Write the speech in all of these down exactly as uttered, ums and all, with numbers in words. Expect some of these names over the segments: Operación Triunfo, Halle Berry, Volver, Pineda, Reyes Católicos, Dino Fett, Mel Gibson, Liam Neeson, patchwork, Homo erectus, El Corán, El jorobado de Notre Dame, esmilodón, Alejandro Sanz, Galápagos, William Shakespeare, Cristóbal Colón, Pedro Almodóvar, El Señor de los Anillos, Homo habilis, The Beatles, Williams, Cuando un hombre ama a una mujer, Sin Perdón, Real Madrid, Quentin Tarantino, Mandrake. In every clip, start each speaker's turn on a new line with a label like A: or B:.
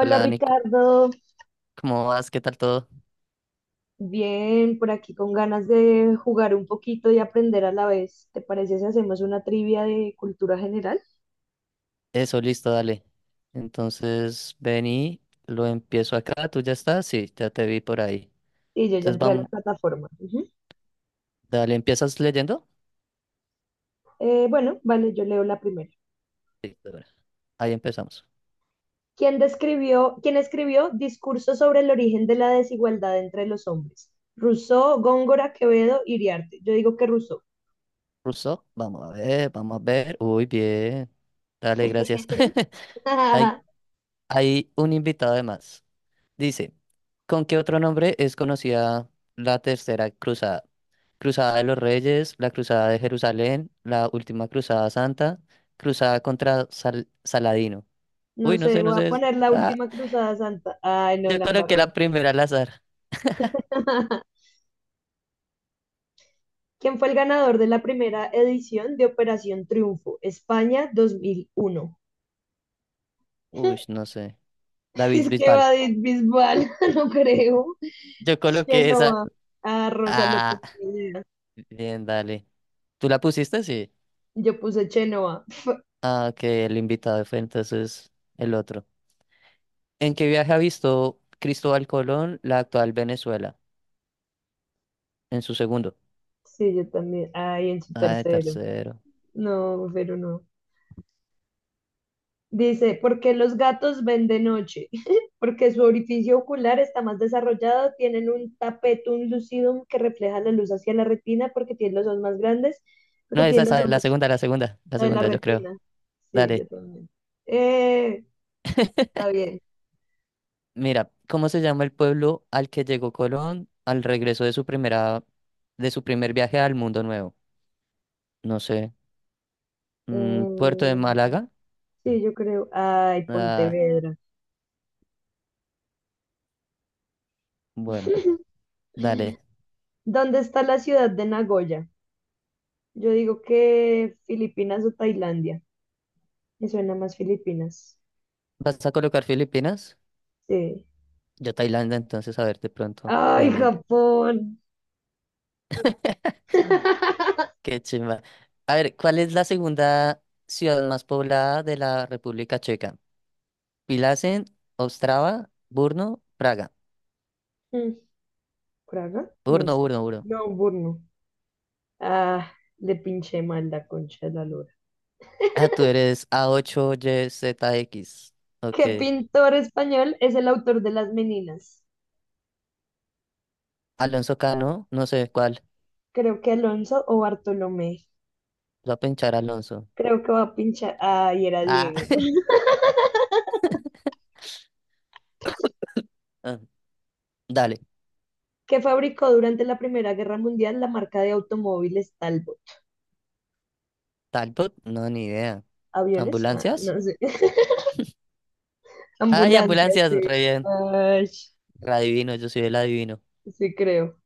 A: Hola Dani, c-
B: Ricardo,
A: ¿cómo vas? ¿Qué tal todo?
B: bien, por aquí con ganas de jugar un poquito y aprender a la vez. ¿Te parece si hacemos una trivia de cultura general?
A: Eso, listo, dale. Entonces, ven y lo empiezo acá. ¿Tú ya estás? Sí, ya te vi por ahí.
B: Y yo ya
A: Entonces,
B: entré a la
A: vamos,
B: plataforma. Ujú.
A: dale, ¿empiezas leyendo?
B: Eh, bueno, vale, yo leo la primera.
A: Sí, de una. Ahí empezamos.
B: ¿Quién describió, quién escribió Discurso sobre el origen de la desigualdad entre los hombres? Rousseau, Góngora, Quevedo, Iriarte. Yo digo que Rousseau.
A: Russo, vamos a ver, vamos a ver. Uy, bien. Dale, gracias. Hay, hay un invitado de más. Dice, ¿con qué otro nombre es conocida la Tercera Cruzada? Cruzada de los Reyes, la Cruzada de Jerusalén, la Última Cruzada Santa, Cruzada contra Sal- Saladino.
B: No
A: Uy, no
B: sé,
A: sé, no
B: voy a
A: sé. es-
B: poner la
A: Ah,
B: última cruzada santa. Ay, no,
A: yo
B: la
A: coloqué la
B: embarré.
A: primera al azar.
B: ¿Quién fue el ganador de la primera edición de Operación Triunfo, España dos mil uno?
A: Uy, no sé. David
B: Es que
A: Bisbal.
B: va de Bisbal, no creo.
A: Yo coloqué esa.
B: Chenoa. Ah, Rosa López.
A: Ah,
B: Pineda.
A: bien, dale. ¿Tú la pusiste? Sí.
B: Yo puse Chenoa.
A: Ah, que el invitado fue entonces el otro. ¿En qué viaje ha visto Cristóbal Colón la actual Venezuela? En su segundo.
B: Sí, yo también. Ay, en su
A: Ah, el
B: tercero.
A: tercero.
B: No, pero no. Dice, ¿por qué los gatos ven de noche? Porque su orificio ocular está más desarrollado, tienen un tapetum lucidum que refleja la luz hacia la retina porque tienen los ojos más grandes, porque
A: No, esa
B: tienen los
A: es la
B: ojos.
A: segunda, la segunda, la
B: La de la
A: segunda, yo creo.
B: retina. Sí, yo
A: Dale.
B: también. Eh, está bien.
A: Mira, ¿cómo se llama el pueblo al que llegó Colón al regreso de su primera, de su primer viaje al mundo nuevo? No sé. Mm, ¿Puerto de
B: Eh,
A: Málaga?
B: sí, yo creo. Ay,
A: Ah,
B: Pontevedra.
A: bueno, dale.
B: ¿Dónde está la ciudad de Nagoya? Yo digo que Filipinas o Tailandia. Me suena más Filipinas.
A: ¿Vas a colocar Filipinas?
B: Sí.
A: Yo Tailandia, entonces, a ver, de pronto. No,
B: Ay,
A: ni...
B: Japón.
A: Qué chimba. A ver, ¿cuál es la segunda ciudad más poblada de la República Checa? Pilasen, Ostrava, Brno, Praga.
B: Mm, ¿Praga?
A: Brno,
B: No sé.
A: Brno, Brno.
B: No, Burno. Ah, le pinché mal la concha de la lora.
A: Ah, tú eres A ocho Y Z X. Ok.
B: ¿Qué pintor español es el autor de Las Meninas?
A: Alonso Cano, no sé cuál.
B: Creo que Alonso o Bartolomé.
A: Voy a pinchar Alonso.
B: Creo que va a pinchar. Ah, y era
A: Ah,
B: Diego.
A: ah, dale.
B: Que fabricó durante la Primera Guerra Mundial la marca de automóviles Talbot.
A: Talbot, no, ni idea.
B: ¿Aviones? Ah,
A: ¿Ambulancias?
B: no sé.
A: Ay,
B: Ambulancias,
A: ambulancias,
B: sí.
A: re bien.
B: Ay,
A: Re adivino, yo soy el adivino.
B: sí, creo.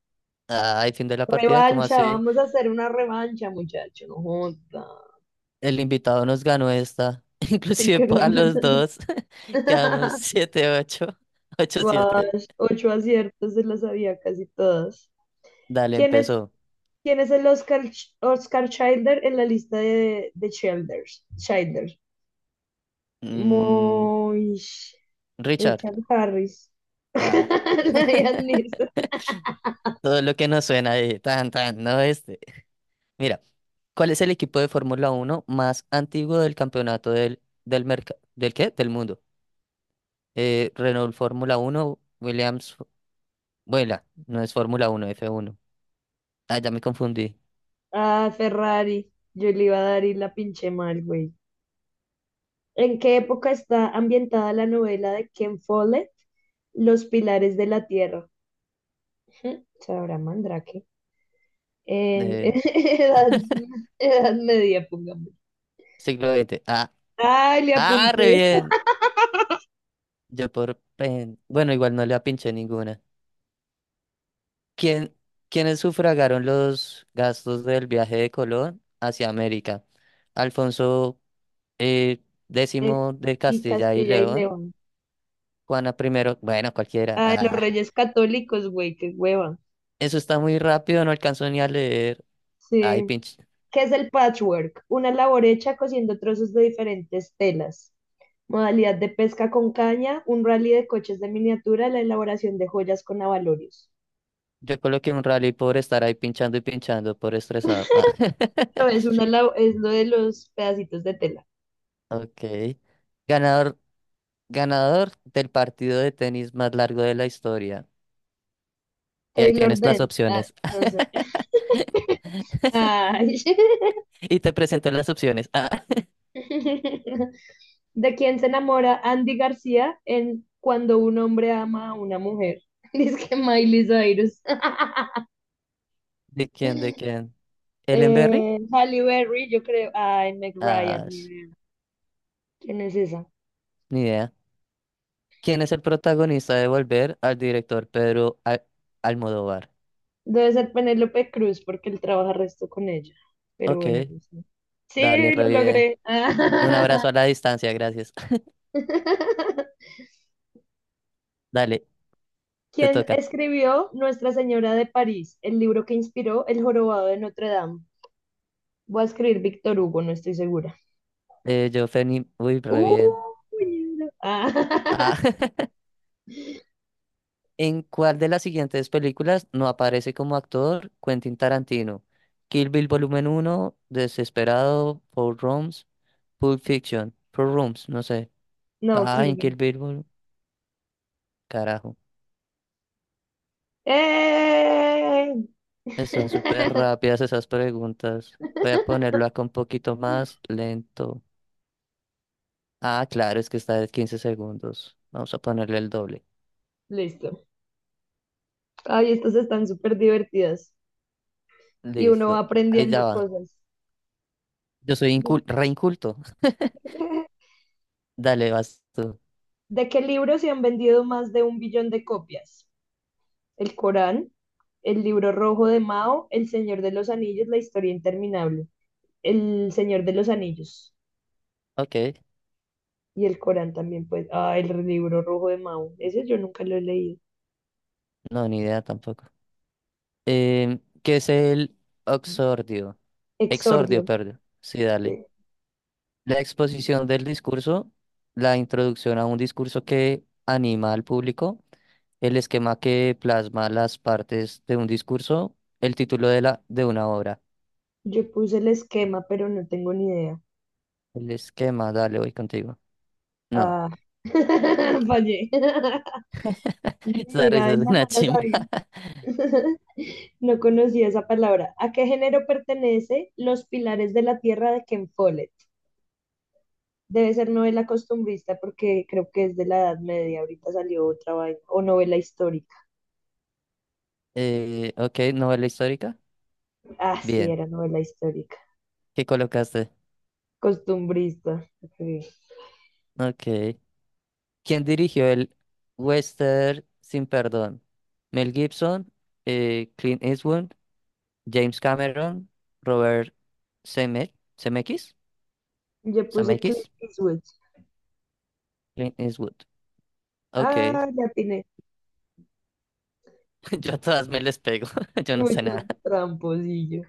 A: Ay, fin de la partida, ¿cómo
B: Revancha,
A: así?
B: vamos a hacer una revancha, muchacho. No joda.
A: El invitado nos ganó esta.
B: Sí,
A: Inclusive
B: creo.
A: po- a los dos. Quedamos siete ocho, ocho siete.
B: Guash, ocho aciertos, se las sabía casi todas.
A: Dale,
B: ¿Quién es,
A: empezó.
B: quién es el Oscar, Ch- Oscar Childer en la lista de, de Childers? Childer.
A: Mm,
B: Moish.
A: Richard.
B: Richard Harris.
A: Ah.
B: Liam Neeson.
A: Todo lo que nos suena ahí. Tan, tan, no este. Mira. ¿Cuál es el equipo de Fórmula Uno más antiguo del campeonato del, del mercado, del qué? Del mundo. Eh, Renault Fórmula Uno Williams, vuela, no es Fórmula Uno f uno. Ah, ya me confundí.
B: Ah, Ferrari. Yo le iba a dar y la pinché mal, güey. ¿En qué época está ambientada la novela de Ken Follett, Los Pilares de la Tierra? Ujú, Sabrá Mandrake. En
A: Eh,
B: edad, edad media, pongamos.
A: siglo veinte. Ah,
B: Ay, le
A: ah, re
B: apunté.
A: bien. Yo por, pen- bueno, igual no le apinché ninguna. ¿Quién, ¿quiénes sufragaron los gastos del viaje de Colón hacia América? Alfonso eh,
B: Es-
A: décimo de
B: y
A: Castilla y
B: Castilla y
A: León,
B: León.
A: Juana primero, bueno, cualquiera.
B: Ah, los
A: Ah,
B: Reyes Católicos, güey, qué hueva.
A: eso está muy rápido, no alcanzo ni a leer. Ay,
B: Sí.
A: pinche.
B: ¿Qué es el patchwork? Una labor hecha cosiendo trozos de diferentes telas. Modalidad de pesca con caña, un rally de coches de miniatura, la elaboración de joyas con abalorios.
A: Yo coloqué un rally por estar ahí pinchando y pinchando, por estresado. Ah.
B: No, es una, lab- es lo de los pedacitos de tela.
A: Ok. Ganador, ganador del partido de tenis más largo de la historia. Y ahí
B: Taylor
A: tienes las
B: Dent, ah,
A: opciones.
B: no sé. Ay.
A: Y te presento las opciones. Ah.
B: ¿De quién se enamora Andy García en Cuando un hombre ama a una mujer? Dice que Miley Cyrus.
A: ¿De quién? ¿De quién? ¿Ellen Berry?
B: Eh, Halle Berry, yo creo. Ay, Meg Ryan,
A: Ah,
B: ni
A: sh-
B: idea. ¿Quién es esa?
A: ni idea. ¿Quién es el protagonista de Volver al director Pedro Al- Almodóvar?
B: Debe ser Penélope Cruz porque él trabaja resto con ella. Pero
A: Ok,
B: bueno, no sé.
A: dale,
B: Sí, lo
A: re bien.
B: logré.
A: Un abrazo a la distancia, gracias. Dale, te
B: ¿Quién
A: toca.
B: escribió Nuestra Señora de París, el libro que inspiró El jorobado de Notre Dame? Voy a escribir Víctor Hugo, no estoy segura.
A: Eh, yo, Ferni, uy, re bien.
B: Uh, libro. Ah,
A: Ah, ¿en cuál de las siguientes películas no aparece como actor Quentin Tarantino? Kill Bill Volumen uno, Desesperado, Four Rooms, Pulp Fiction, Four Rooms, no sé.
B: no,
A: Ah, en Kill
B: Kilby.
A: Bill, Vol- carajo.
B: ¡Eh!
A: Están súper rápidas esas preguntas. Voy a ponerlo acá un poquito más lento. Ah, claro, es que está de quince segundos. Vamos a ponerle el doble.
B: Listo. Ay, estas están súper divertidas y uno va
A: Listo. Ahí ya
B: aprendiendo
A: va.
B: cosas.
A: Yo soy incul re inculto. Dale, vas tú.
B: ¿De qué libro se han vendido más de un billón de copias? El Corán, el libro rojo de Mao, El Señor de los Anillos, La Historia Interminable, El Señor de los Anillos
A: Ok,
B: y el Corán también, pues. Ah, el libro rojo de Mao. Ese yo nunca lo he leído.
A: no, ni idea tampoco. Em, ¿qué es el oxordio? Exordio,
B: Exordio.
A: perdón. Sí, dale.
B: Sí.
A: La exposición del discurso, la introducción a un discurso que anima al público, el esquema que plasma las partes de un discurso, el título de la de una obra.
B: Yo puse el esquema, pero no tengo ni idea.
A: El esquema, dale, voy contigo. No,
B: Ah, fallé.
A: esa
B: Mira,
A: risa es
B: esa
A: una
B: no la
A: chimba.
B: sabía. No conocía esa palabra. ¿A qué género pertenece Los Pilares de la Tierra de Ken Follett? Debe ser novela costumbrista porque creo que es de la Edad Media. Ahorita salió otra vaina. O novela histórica.
A: Eh, ok, novela histórica.
B: Ah, sí,
A: Bien,
B: era novela histórica.
A: ¿qué colocaste?
B: Costumbrista. Ok.
A: Ok. ¿Quién dirigió el Western Sin Perdón? Mel Gibson, eh, Clint Eastwood, James Cameron, Robert Zemeck- Zemeckis,
B: Yo puse Clint
A: Zemeckis,
B: Eastwood.
A: Clint Eastwood.
B: Ah,
A: Ok,
B: ya tiene
A: yo a todas me les pego, yo no sé
B: mucho
A: nada.
B: tramposillo.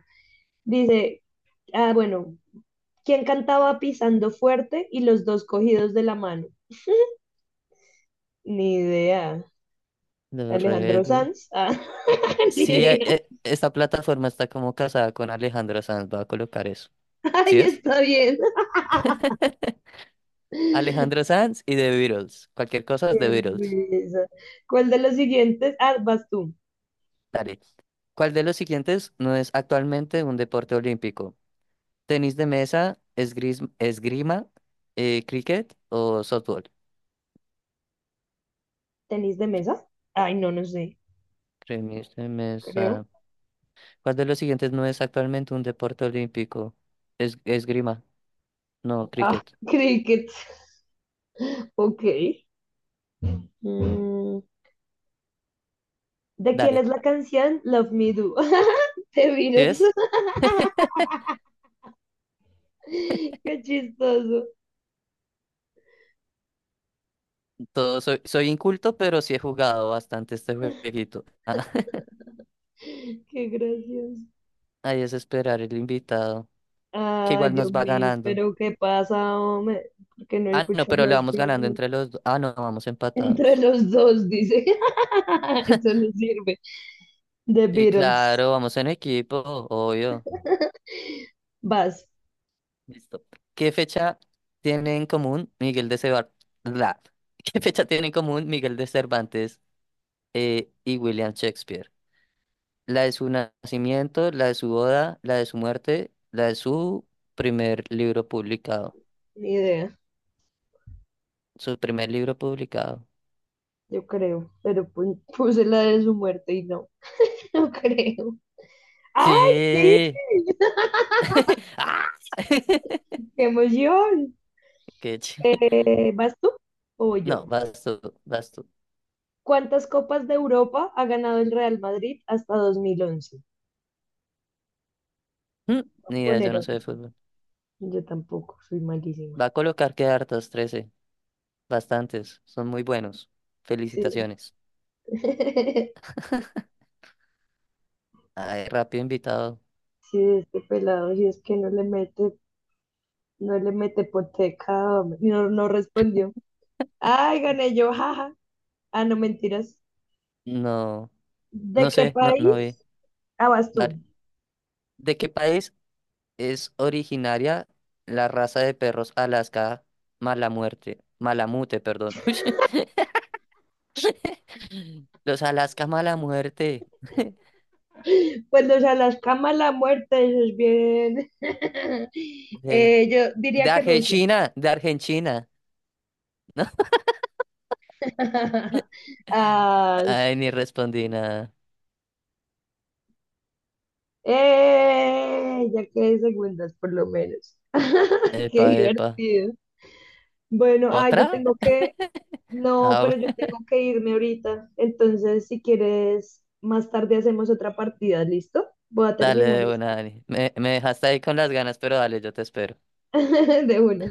B: Dice, ah, bueno, ¿quién cantaba Pisando Fuerte y los dos cogidos de la mano? Ni idea.
A: Los
B: Alejandro
A: rebeldes.
B: Sanz. Ah, ni
A: Sí, eh,
B: idea.
A: eh, esta plataforma está como casada con Alejandro Sanz, voy a colocar eso. ¿Sí
B: Ay,
A: ves?
B: está bien. Qué
A: Alejandro Sanz y The Beatles. Cualquier cosa es The Beatles.
B: risa. ¿Cuál de los siguientes? Ah, vas tú.
A: Dale. ¿Cuál de los siguientes no es actualmente un deporte olímpico? Tenis de mesa, esgris- esgrima, eh, cricket o softball.
B: ¿Tenis de mesa? Ay, no, no sé,
A: Tenis de
B: creo.
A: mesa. ¿Cuál de los siguientes no es actualmente un deporte olímpico? Es, esgrima, no
B: Ah,
A: cricket.
B: cricket. Ok. Mm, ¿de quién es
A: Dale.
B: la canción Love Me Do? Te
A: ¿Sí
B: Virus.
A: ves?
B: Qué chistoso.
A: Todo, soy, soy inculto, pero sí he jugado bastante este jueguito. Ah,
B: Qué gracioso.
A: ahí es esperar el invitado, que
B: Ay,
A: igual
B: Dios
A: nos va
B: mío,
A: ganando.
B: pero ¿qué pasa, hombre? ¿Por qué no
A: Ah, no,
B: escuchas
A: pero
B: los
A: le vamos ganando
B: Beatles?
A: entre los dos. Ah, no, vamos
B: Entre
A: empatados.
B: los dos, dice. Eso no sirve. The
A: Sí,
B: Beatles.
A: claro, vamos en equipo, obvio.
B: Vas,
A: Listo. ¿Qué fecha tiene en común Miguel de Cervantes? ¿Qué fecha tiene en común Miguel de Cervantes eh, y William Shakespeare? La de su nacimiento, la de su boda, la de su muerte, la de su primer libro publicado.
B: ni idea,
A: Su primer libro publicado.
B: yo creo. Pero pu- puse la de su muerte y no, no creo. ¡Ay, sí!
A: Sí. ¡Ah!
B: ¡Qué emoción!
A: Qué ch-
B: Eh, ¿vas tú o voy
A: No,
B: yo?
A: vas tú, vas tú.
B: ¿Cuántas copas de Europa ha ganado el Real Madrid hasta dos mil once?
A: Mm,
B: Voy
A: Ni
B: a
A: idea, yo
B: poner
A: no sé de
B: once.
A: fútbol.
B: Yo tampoco, soy malísima.
A: Va a colocar que hartas, trece. Bastantes. Son muy buenos.
B: Sí.
A: Felicitaciones. Ay, rápido invitado.
B: Sí, este pelado, si es que no le mete. No le mete por pecado. Y no, no respondió. Ay, gané yo, jaja. Ah, no, mentiras.
A: No,
B: ¿De
A: no
B: qué
A: sé, no, no vi.
B: país? Ah, vas tú.
A: Dale. ¿De qué país es originaria la raza de perros Alaska Mala Muerte? Malamute, perdón. Ush, Los Alaska Mala Muerte.
B: Pues los Alaskamas, la muerte, eso es bien.
A: De,
B: Eh, yo
A: de
B: diría que Rusia.
A: Argentina, de Argentina. ¿No?
B: Ah,
A: Ay, ni respondí nada.
B: eh, ya quedé segundas, por lo menos. Qué
A: Epa, epa.
B: divertido. Bueno, ah, yo
A: ¿Otra?
B: tengo que. No,
A: Ah,
B: pero yo
A: bu-
B: tengo que irme ahorita. Entonces, si quieres, más tarde hacemos otra partida, ¿listo? Voy a
A: dale
B: terminar
A: de
B: esta.
A: una, Dani. Me, me dejaste ahí con las ganas, pero dale, yo te espero.
B: De una.